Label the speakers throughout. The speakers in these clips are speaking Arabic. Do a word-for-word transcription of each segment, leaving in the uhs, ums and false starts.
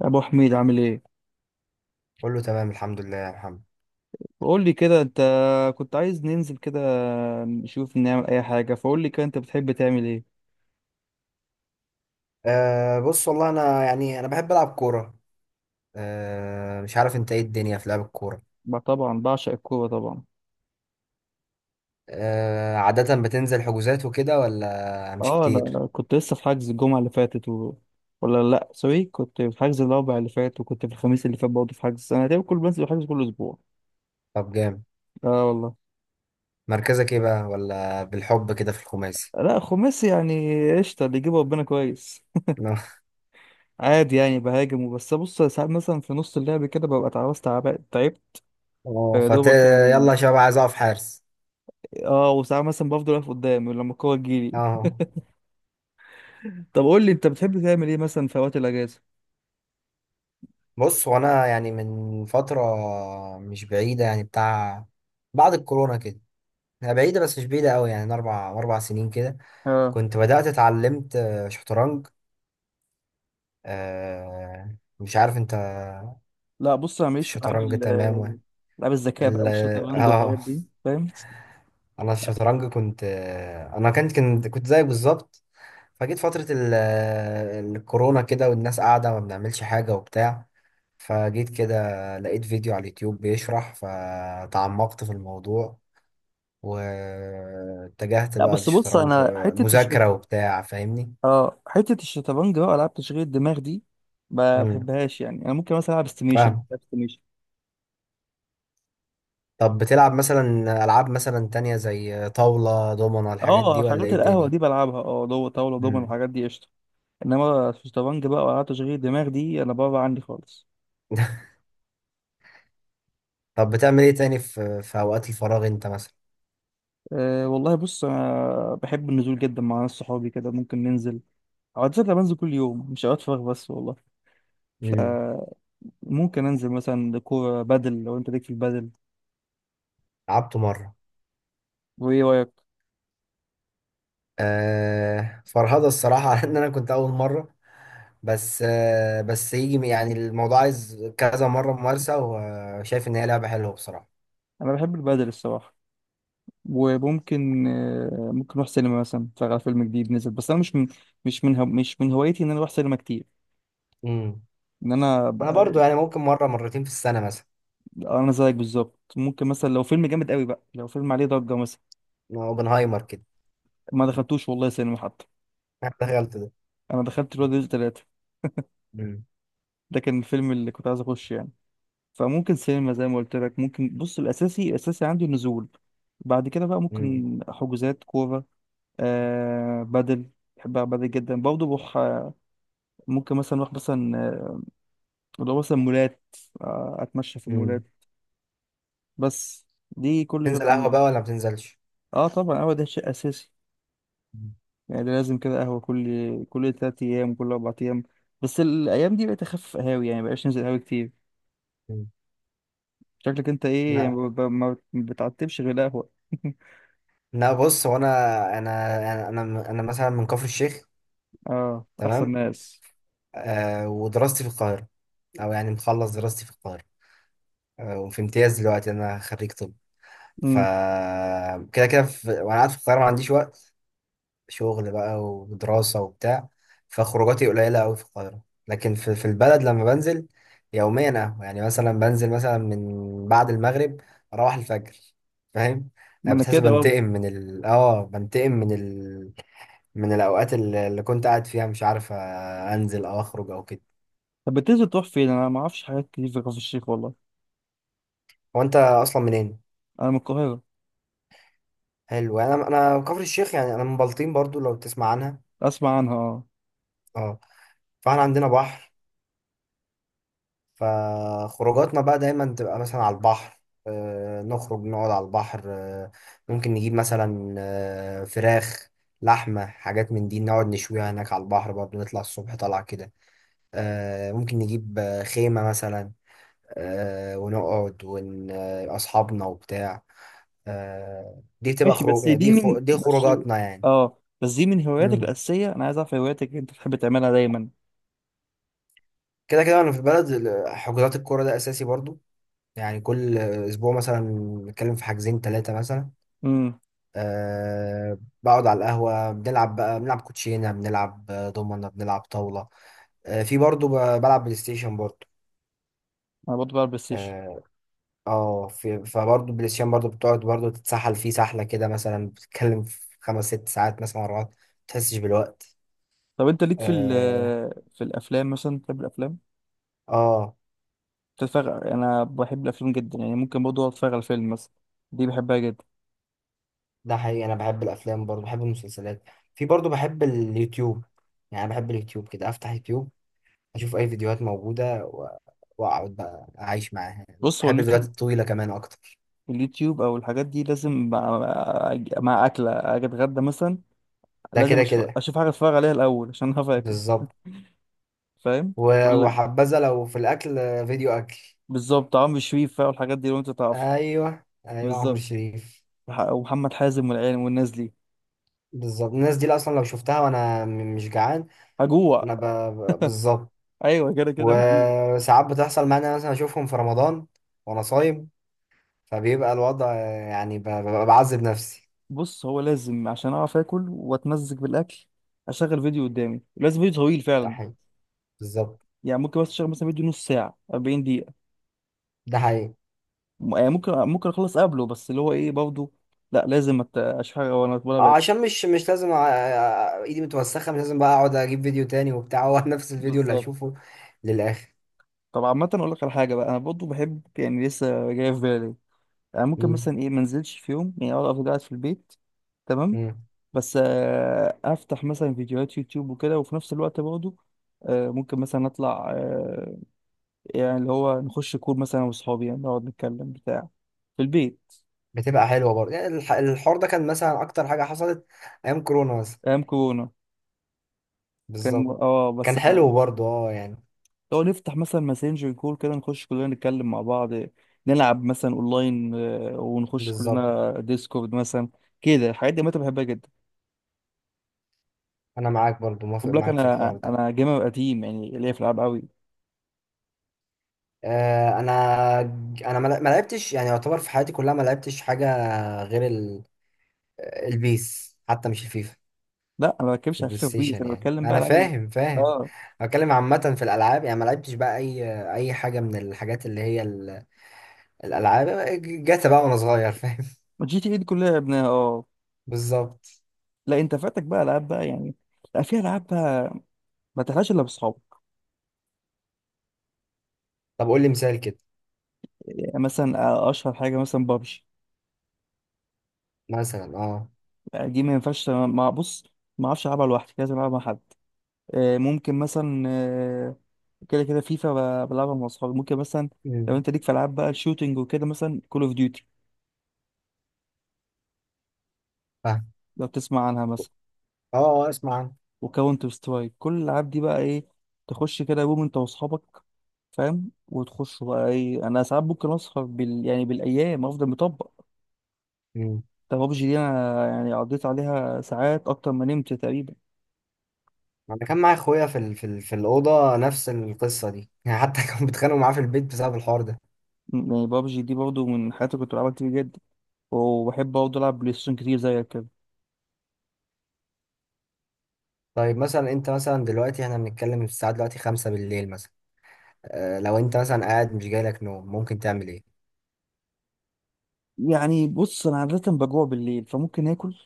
Speaker 1: يا ابو حميد، عامل ايه؟
Speaker 2: كله تمام، الحمد لله يا محمد.
Speaker 1: بقول لي كده، انت كنت عايز ننزل كده نشوف نعمل اي حاجه. فقول لي كده، انت بتحب تعمل ايه؟
Speaker 2: أه بص، والله انا، يعني، انا بحب العب كوره. أه مش عارف انت ايه الدنيا في لعب الكوره؟
Speaker 1: بقى طبعا بعشق الكوره طبعا.
Speaker 2: أه عاده بتنزل حجوزات وكده ولا مش
Speaker 1: اه،
Speaker 2: كتير؟
Speaker 1: انا كنت لسه في حجز الجمعه اللي فاتت و... ولا لا، سوري، كنت في حجز الاربع اللي فات وكنت في الخميس اللي فات برضه في حجز. انا تقريبا كل بنزل حجز كل اسبوع.
Speaker 2: طب جامد.
Speaker 1: اه والله.
Speaker 2: مركزك ايه بقى، ولا بالحب كده في الخماسي؟
Speaker 1: لا خماس، يعني قشطه اللي يجيبه ربنا كويس. عادي يعني، بهاجم وبس. بص ساعات مثلا في نص اللعب كده ببقى اتعوزت، تعبت تعبت،
Speaker 2: اه،
Speaker 1: يا
Speaker 2: فت.
Speaker 1: دوبك
Speaker 2: يلا
Speaker 1: يعني.
Speaker 2: يا شباب، عايز اقف حارس.
Speaker 1: اه، وساعات مثلا بفضل واقف قدام لما الكورة تجيلي.
Speaker 2: اه،
Speaker 1: طب قول لي انت بتحب تعمل ايه مثلا في اوقات الاجازة؟
Speaker 2: بص هو انا يعني من فتره مش بعيده، يعني بتاع، بعد الكورونا كده. هي بعيده بس مش بعيده قوي، يعني من اربع اربع سنين كده.
Speaker 1: اه.
Speaker 2: كنت بدات اتعلمت آه، شطرنج. آه مش عارف انت.
Speaker 1: لا بص انا
Speaker 2: في
Speaker 1: ماليش في العاب
Speaker 2: الشطرنج
Speaker 1: ال-
Speaker 2: تمام، و...
Speaker 1: العاب الذكاء بقى،
Speaker 2: ال...
Speaker 1: والشطرنج والحاجات
Speaker 2: اه،
Speaker 1: دي، فاهم.
Speaker 2: انا في الشطرنج كنت آه انا كنت كنت كنت زيك بالظبط. فجيت فترة ال... آه، الكورونا كده، والناس قاعدة ما بنعملش حاجة وبتاع. فجيت كده، لقيت فيديو على اليوتيوب بيشرح فتعمقت في الموضوع. واتجهت
Speaker 1: لا
Speaker 2: بقى
Speaker 1: بس بص
Speaker 2: للشطرنج،
Speaker 1: انا
Speaker 2: آه،
Speaker 1: حته الشط
Speaker 2: مذاكرة وبتاع، فاهمني.
Speaker 1: اه حته الشطرنج بقى، العاب تشغيل الدماغ دي ما
Speaker 2: امم
Speaker 1: بحبهاش. يعني انا ممكن مثلا العب استيميشن،
Speaker 2: فاهم.
Speaker 1: بلعب استيميشن.
Speaker 2: طب بتلعب مثلا ألعاب مثلا تانية زي طاولة دومنة الحاجات
Speaker 1: اه،
Speaker 2: دي، ولا
Speaker 1: حاجات
Speaker 2: ايه
Speaker 1: القهوه
Speaker 2: الدنيا؟
Speaker 1: دي بلعبها، اه، دو طاوله دومن
Speaker 2: مم.
Speaker 1: والحاجات دي قشطه. انما الشطرنج بقى والعاب تشغيل الدماغ دي انا بره عني خالص.
Speaker 2: طب بتعمل ايه تاني في في اوقات الفراغ انت مثلا؟
Speaker 1: أه والله، بص، أنا بحب النزول جدا. مع ناس صحابي كده ممكن ننزل. عادة أنا بنزل كل يوم، مش أوقات فراغ بس والله.
Speaker 2: امم
Speaker 1: فممكن أنزل مثلا كورة بدل، لو أنت ليك في البدل.
Speaker 2: لعبته مره.
Speaker 1: وإيه رأيك؟
Speaker 2: آه فرهضه الصراحه، على ان انا كنت اول مره. بس آه بس يجي يعني، الموضوع عايز كذا مره ممارسه، وشايف ان هي لعبه حلوه بصراحه.
Speaker 1: أنا بحب البدل الصراحة. وممكن أه ممكن نروح سينما مثلا، نتفرج على فيلم جديد نزل، بس أنا مش من، مش من هو مش من هوايتي إن أنا أروح سينما كتير.
Speaker 2: امم
Speaker 1: إن أنا ب...
Speaker 2: انا برضو يعني ممكن مره مرتين في السنه مثلا.
Speaker 1: أنا زيك بالظبط. ممكن مثلا لو فيلم جامد قوي بقى، لو فيلم عليه ضجة مثلا.
Speaker 2: اوبنهايمر كده.
Speaker 1: ما دخلتوش والله سينما حتى.
Speaker 2: أنا دخلت ده.
Speaker 1: أنا دخلت الواد الثلاثة،
Speaker 2: امم.
Speaker 1: ده كان الفيلم اللي كنت عايز اخش يعني. فممكن سينما زي ما قلت لك ممكن. بص، الاساسي الاساسي عندي النزول، بعد كده بقى
Speaker 2: امم.
Speaker 1: ممكن حجوزات كوره، آه بدل. بحب ألعب بدل جدا برضه. بروح آه، ممكن مثلا اروح مثلا آه، اللي هو مثلا مولات، آه اتمشى في المولات
Speaker 2: امم.
Speaker 1: بس. دي كل اللي
Speaker 2: تنزل قهوه
Speaker 1: بعمله.
Speaker 2: بقى ولا ما بتنزلش؟
Speaker 1: اه طبعا، هو ده شيء اساسي.
Speaker 2: مم.
Speaker 1: يعني ده لازم، كده قهوه كل كل تلات ايام كل اربع ايام. بس الايام دي بقيت اخفف قهاوي، يعني مبقاش ننزل قهاوي كتير.
Speaker 2: مم.
Speaker 1: شكلك انت ايه،
Speaker 2: لا،
Speaker 1: ما ما- ما بتعتبش غير قهوه.
Speaker 2: لا بص هو انا انا انا انا أنا مثلا من كفر الشيخ.
Speaker 1: اه، احسن
Speaker 2: تمام.
Speaker 1: ناس.
Speaker 2: آه ودراستي في القاهرة، أو يعني مخلص دراستي في القاهرة. آه وفي امتياز دلوقتي أنا خريج طب. ف
Speaker 1: امم،
Speaker 2: كده كده، في... وأنا قاعد في القاهرة ما عنديش وقت، شغل بقى ودراسة وبتاع. فخروجاتي قليلة أوي في القاهرة. لكن في, في البلد لما بنزل يوميا، أهو يعني مثلا بنزل مثلا من بعد المغرب أروح الفجر. فاهم؟
Speaker 1: ما
Speaker 2: أنا
Speaker 1: انا
Speaker 2: بتحس
Speaker 1: كده برضه.
Speaker 2: بنتقم من ال آه بنتقم من ال، من الأوقات اللي اللي كنت قاعد فيها مش عارف آه، أنزل أو أخرج أو كده.
Speaker 1: طب بتنزل تروح فين؟ انا ما اعرفش حاجات كتير في كفر الشيخ والله.
Speaker 2: هو أنت أصلا منين؟
Speaker 1: انا من القاهره.
Speaker 2: حلو، يعني انا انا كفر الشيخ، يعني انا من بلطيم برضو لو تسمع عنها.
Speaker 1: اسمع عنها، اه.
Speaker 2: اه. فاحنا عندنا بحر، فخروجاتنا بقى دايما تبقى مثلا على البحر. آه نخرج نقعد على البحر. آه ممكن نجيب مثلا آه فراخ، لحمة، حاجات من دي، نقعد نشويها هناك على البحر برضو. نطلع الصبح طلع كده. آه ممكن نجيب آه، خيمة مثلا. آه ونقعد ون آه، أصحابنا وبتاع. آه دي بتبقى
Speaker 1: ماشي، بس
Speaker 2: خروج
Speaker 1: دي
Speaker 2: دي
Speaker 1: من
Speaker 2: خو... دي
Speaker 1: بس
Speaker 2: خروجاتنا يعني.
Speaker 1: اه بس دي من هواياتك
Speaker 2: مم.
Speaker 1: الاساسيه؟ انا عايز اعرف هواياتك اللي انت بتحب تعملها دايما.
Speaker 2: كده كده، وانا في البلد ال- حجوزات الكوره ده اساسي برضو. يعني كل اسبوع مثلا نتكلم في حاجزين ثلاثه مثلا.
Speaker 1: امم.
Speaker 2: أه، بقعد على القهوه بنلعب بقى، بنلعب كوتشينه، بنلعب آه، دومنه، بنلعب طاوله. أه، في برضو ب- بلعب بلاي ستيشن برضو.
Speaker 1: انا برضه بلعب بلاي ستيشن.
Speaker 2: اه. آه، في فبرضو بلاي ستيشن، برضو بتقعد برضو تتسحل فيه سحله كده مثلا، بتتكلم في خمس ست ساعات مثلا ورا بعض ما تحسش بالوقت.
Speaker 1: طب انت ليك في ال
Speaker 2: اه.
Speaker 1: في الافلام مثلا؟ بتحب الافلام
Speaker 2: آه،
Speaker 1: تتفرج؟ انا بحب الافلام جدا. يعني ممكن برضه أقعد اتفرج على فيلم مثلا، دي بحبها جدا.
Speaker 2: ده حقيقي. انا بحب الافلام برضو بحب المسلسلات. في برضو بحب اليوتيوب. يعني أنا بحب اليوتيوب كده افتح يوتيوب، اشوف اي فيديوهات موجودة و- واقعد بقى اعيش معاها.
Speaker 1: بص هو
Speaker 2: بحب الفيديوهات
Speaker 1: اليوتيوب،
Speaker 2: الطويلة كمان اكتر.
Speaker 1: اليوتيوب او الحاجات دي لازم مع، مع اكله. اجي اتغدى مثلا،
Speaker 2: ده
Speaker 1: لازم
Speaker 2: كده
Speaker 1: اشوف
Speaker 2: كده،
Speaker 1: اشوف حاجه اتفرج عليها الاول عشان هعرف اكل،
Speaker 2: بالظبط.
Speaker 1: فاهم
Speaker 2: و-
Speaker 1: ولا.
Speaker 2: وحبذا لو في الاكل فيديو اكل.
Speaker 1: بالظبط، عمرو شريف بقى والحاجات دي لو انت تعرف.
Speaker 2: ايوه، ايوه عمرو
Speaker 1: بالظبط،
Speaker 2: شريف.
Speaker 1: وح- ومحمد حازم والعيال والناس دي.
Speaker 2: بالظبط، الناس دي اصلا لو شفتها وانا م- مش جعان.
Speaker 1: هجوع.
Speaker 2: انا ب... ب- بالظبط.
Speaker 1: ايوه كده كده هجوع.
Speaker 2: وساعات بتحصل معايا إن أنا مثلا اشوفهم في رمضان وانا صايم، فبيبقى الوضع يعني ب- ببقى بعذب نفسي.
Speaker 1: بص هو لازم عشان اعرف اكل واتمزج بالاكل اشغل فيديو قدامي، لازم فيديو طويل
Speaker 2: ده
Speaker 1: فعلا.
Speaker 2: حقيقي، بالظبط.
Speaker 1: يعني ممكن بس اشغل مثلا فيديو نص ساعه أربعين دقيقه،
Speaker 2: ده حقيقي.
Speaker 1: م- يعني ممكن ممكن اخلص قبله، بس اللي هو ايه برضه، لا لازم أت- اشوف حاجه وانا وانا
Speaker 2: اه،
Speaker 1: باكل.
Speaker 2: عشان مش مش لازم أ- أ- ايدي متوسخه مش لازم بقى اقعد اجيب فيديو تاني وبتاع، هو نفس الفيديو اللي
Speaker 1: بالظبط.
Speaker 2: هشوفه للاخر.
Speaker 1: طب عامة أقول لك على حاجة بقى، أنا برضه بحب يعني، لسه جاي في بالي. انا ممكن
Speaker 2: امم.
Speaker 1: مثلا ايه، منزلش في يوم، يعني اقعد افضل قاعد في البيت، تمام،
Speaker 2: امم.
Speaker 1: بس آه، افتح مثلا فيديوهات يوتيوب وكده، وفي نفس الوقت برضه آه، ممكن مثلا اطلع، آه، يعني اللي هو نخش كور مثلا واصحابي، يعني نقعد نتكلم بتاع في البيت.
Speaker 2: بتبقى حلوه برضه، يعني الح- الحوار ده كان مثلا اكتر حاجه حصلت ايام كورونا مثلا.
Speaker 1: ايام كورونا كان،
Speaker 2: بالظبط.
Speaker 1: اه، بس
Speaker 2: كان
Speaker 1: آه،
Speaker 2: حلو برضه اه، يعني
Speaker 1: لو نفتح مثلا ماسنجر كور كده، نخش كلنا نتكلم مع بعض، نلعب مثلا اونلاين، آه، ونخش
Speaker 2: بالظبط.
Speaker 1: كلنا ديسكورد مثلا. كده الحاجات دي متى بحبها جدا.
Speaker 2: انا معاك برضه،
Speaker 1: خد
Speaker 2: موافق
Speaker 1: بالك
Speaker 2: معاك في
Speaker 1: انا
Speaker 2: الحوار ده.
Speaker 1: انا جيمر قديم، يعني ليا في الالعاب قوي.
Speaker 2: آه انا انا ما ما لعبتش يعني، يعتبر في حياتي كلها ما لعبتش حاجه، غير البيس، حتى مش الفيفا.
Speaker 1: لا انا ما
Speaker 2: في
Speaker 1: بتكلمش على
Speaker 2: البلاي
Speaker 1: فيفا وبيس،
Speaker 2: ستيشن
Speaker 1: انا
Speaker 2: يعني،
Speaker 1: بتكلم بقى
Speaker 2: انا
Speaker 1: العاب ال-
Speaker 2: فاهم فاهم.
Speaker 1: اه.
Speaker 2: بتكلم عامه في الالعاب، يعني ما لعبتش بقى اي اي حاجه من الحاجات اللي هي ال- الالعاب. جاتا بقى وانا صغير، فاهم.
Speaker 1: جي تي اي دي كلها لعبناها اه.
Speaker 2: بالظبط.
Speaker 1: لا انت فاتك بقى العاب بقى يعني. لا في العاب بقى ما تلعبش الا باصحابك.
Speaker 2: طب قول لي مثال كده.
Speaker 1: يعني مثلا آه، اشهر حاجه مثلا بابجي.
Speaker 2: مثلا اه.
Speaker 1: دي ما ينفعش، مع بص ما اعرفش العبها لوحدي، لازم العبها مع حد. آه، ممكن مثلا آه، كده كده فيفا، ب- بلعبها مع اصحابي ممكن مثلا. لو
Speaker 2: امم
Speaker 1: انت ليك في العاب بقى الشوتينج وكده، مثلا كول اوف ديوتي
Speaker 2: فاهم.
Speaker 1: لو تسمع عنها مثلا،
Speaker 2: اه، آه، اسمع عنه.
Speaker 1: وكاونتر سترايك، كل الالعاب دي بقى ايه، تخش كده يوم انت واصحابك. فاهم، وتخش بقى ايه، انا ساعات ممكن اسهر بال... يعني بالايام افضل مطبق.
Speaker 2: امم.
Speaker 1: ده بابجي دي انا يعني قضيت عليها ساعات اكتر ما نمت تقريبا.
Speaker 2: انا كان معايا اخويا في ال... في ال... في الاوضه نفس القصه دي، يعني حتى كانوا بيتخانقوا معاه في البيت بسبب الحوار ده.
Speaker 1: م- يعني بابجي دي برضو من حياتي كنت بلعبها كتير جدا، وبحب برضه العب بلاي ستيشن كتير زيك كده.
Speaker 2: طيب مثلا انت مثلا دلوقتي احنا بنتكلم الساعه دلوقتي خمسة بالليل مثلا، آه، لو انت مثلا قاعد مش جايلك نوم ممكن تعمل ايه؟
Speaker 1: يعني بص انا عادة بجوع بالليل، فممكن اكل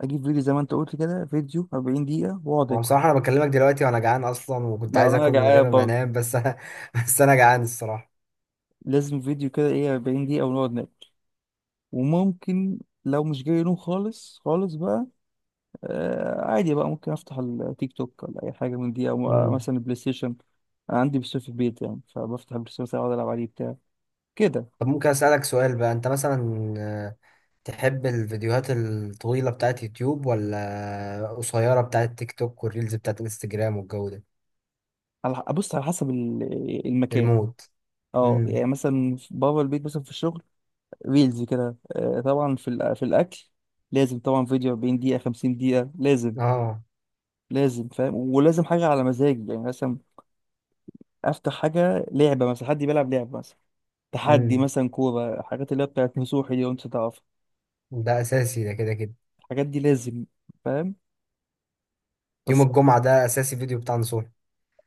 Speaker 1: اجيب فيديو زي ما انت قلت كده، فيديو أربعين دقيقة واقعد
Speaker 2: هو
Speaker 1: اكل.
Speaker 2: بصراحه انا بكلمك دلوقتي وانا جعان اصلا، وكنت
Speaker 1: ما
Speaker 2: عايز
Speaker 1: انا
Speaker 2: اكل من
Speaker 1: جعان
Speaker 2: غير ما
Speaker 1: برضه،
Speaker 2: انام بس، انا بس انا جعان الصراحه.
Speaker 1: لازم فيديو كده ايه، أربعين دقيقة ونقعد ناكل. وممكن لو مش جاي نوم خالص خالص بقى، آه، عادي بقى ممكن افتح التيك توك ولا اي حاجه من دي، او
Speaker 2: مم.
Speaker 1: مثلا البلاي ستيشن. انا عندي بلاي ستيشن في البيت، يعني فبفتح البلاي ستيشن مثلا اقعد العب عليه بتاع كده.
Speaker 2: طب ممكن اسالك سؤال بقى، انت مثلا آه، تحب الفيديوهات الطويله بتاعت يوتيوب ولا قصيره بتاعت تيك توك والريلز بتاعت انستجرام والجو ده؟
Speaker 1: على ابص على حسب ال- المكان.
Speaker 2: المود.
Speaker 1: اه،
Speaker 2: امم.
Speaker 1: يعني مثلا في- بابا البيت مثلا في الشغل ريلز كده، آه، طبعا في الأ- في الاكل لازم طبعا فيديو أربعين دقيقه خمسين دقيقه لازم،
Speaker 2: اه.
Speaker 1: لازم فاهم، ولازم حاجه على مزاجي. يعني مثلا افتح حاجه لعبه مثلا، حد بيلعب لعبه مثلا تحدي
Speaker 2: امم.
Speaker 1: مثلا كوره، حاجات اللي هي بتاعت نصوحي دي وانت تعرف.
Speaker 2: ده اساسي، ده كده كده.
Speaker 1: الحاجات دي لازم، فاهم،
Speaker 2: يوم
Speaker 1: بس.
Speaker 2: الجمعه ده اساسي فيديو بتاع نصوحي.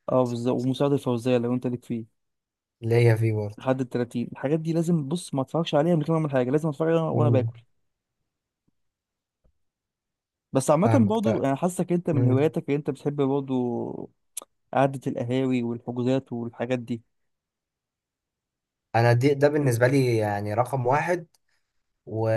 Speaker 1: اه بالظبط، ومساعد الفوزية لو انت ليك فيه،
Speaker 2: اللي هي فيه برضه.
Speaker 1: لحد ال تلاتين. الحاجات دي لازم، بص ما اتفرجش عليها من غير ما اعمل حاجة، لازم اتفرج عليها وانا
Speaker 2: امم،
Speaker 1: باكل. بس عامة
Speaker 2: فاهمك.
Speaker 1: برضه
Speaker 2: طيب.
Speaker 1: انا حاسك انت من هواياتك اللي انت بتحب برضه قعدة القهاوي والحجوزات والحاجات دي.
Speaker 2: انا دي، ده بالنسبه لي يعني رقم واحد. و...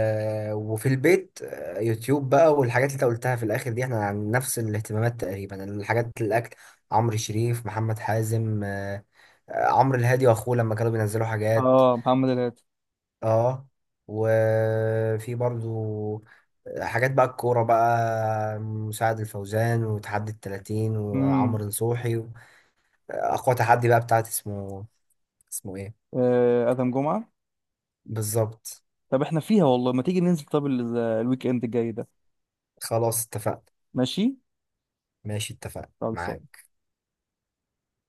Speaker 2: وفي البيت آه، يوتيوب بقى والحاجات اللي انت قلتها في الاخر دي، احنا عن نفس الاهتمامات تقريبا، الحاجات، الاكل، عمرو شريف، محمد حازم، آه، آه، عمرو الهادي واخوه لما كانوا بينزلوا حاجات.
Speaker 1: اه، محمد الهادي.
Speaker 2: اه. وفي برضو آه، حاجات بقى الكوره، بقى مساعد الفوزان وتحدي التلاتين
Speaker 1: امم.
Speaker 2: وعمرو نصوحي. اقوى تحدي بقى بتاعت اسمه، اسمه ايه؟
Speaker 1: آه، ادم جمعة.
Speaker 2: بالظبط.
Speaker 1: طب احنا فيها والله، ما تيجي ننزل طب ال- الويك اند الجاي ده.
Speaker 2: خلاص اتفقنا.
Speaker 1: ماشي.
Speaker 2: ماشي اتفقنا
Speaker 1: خلصان.
Speaker 2: معاك.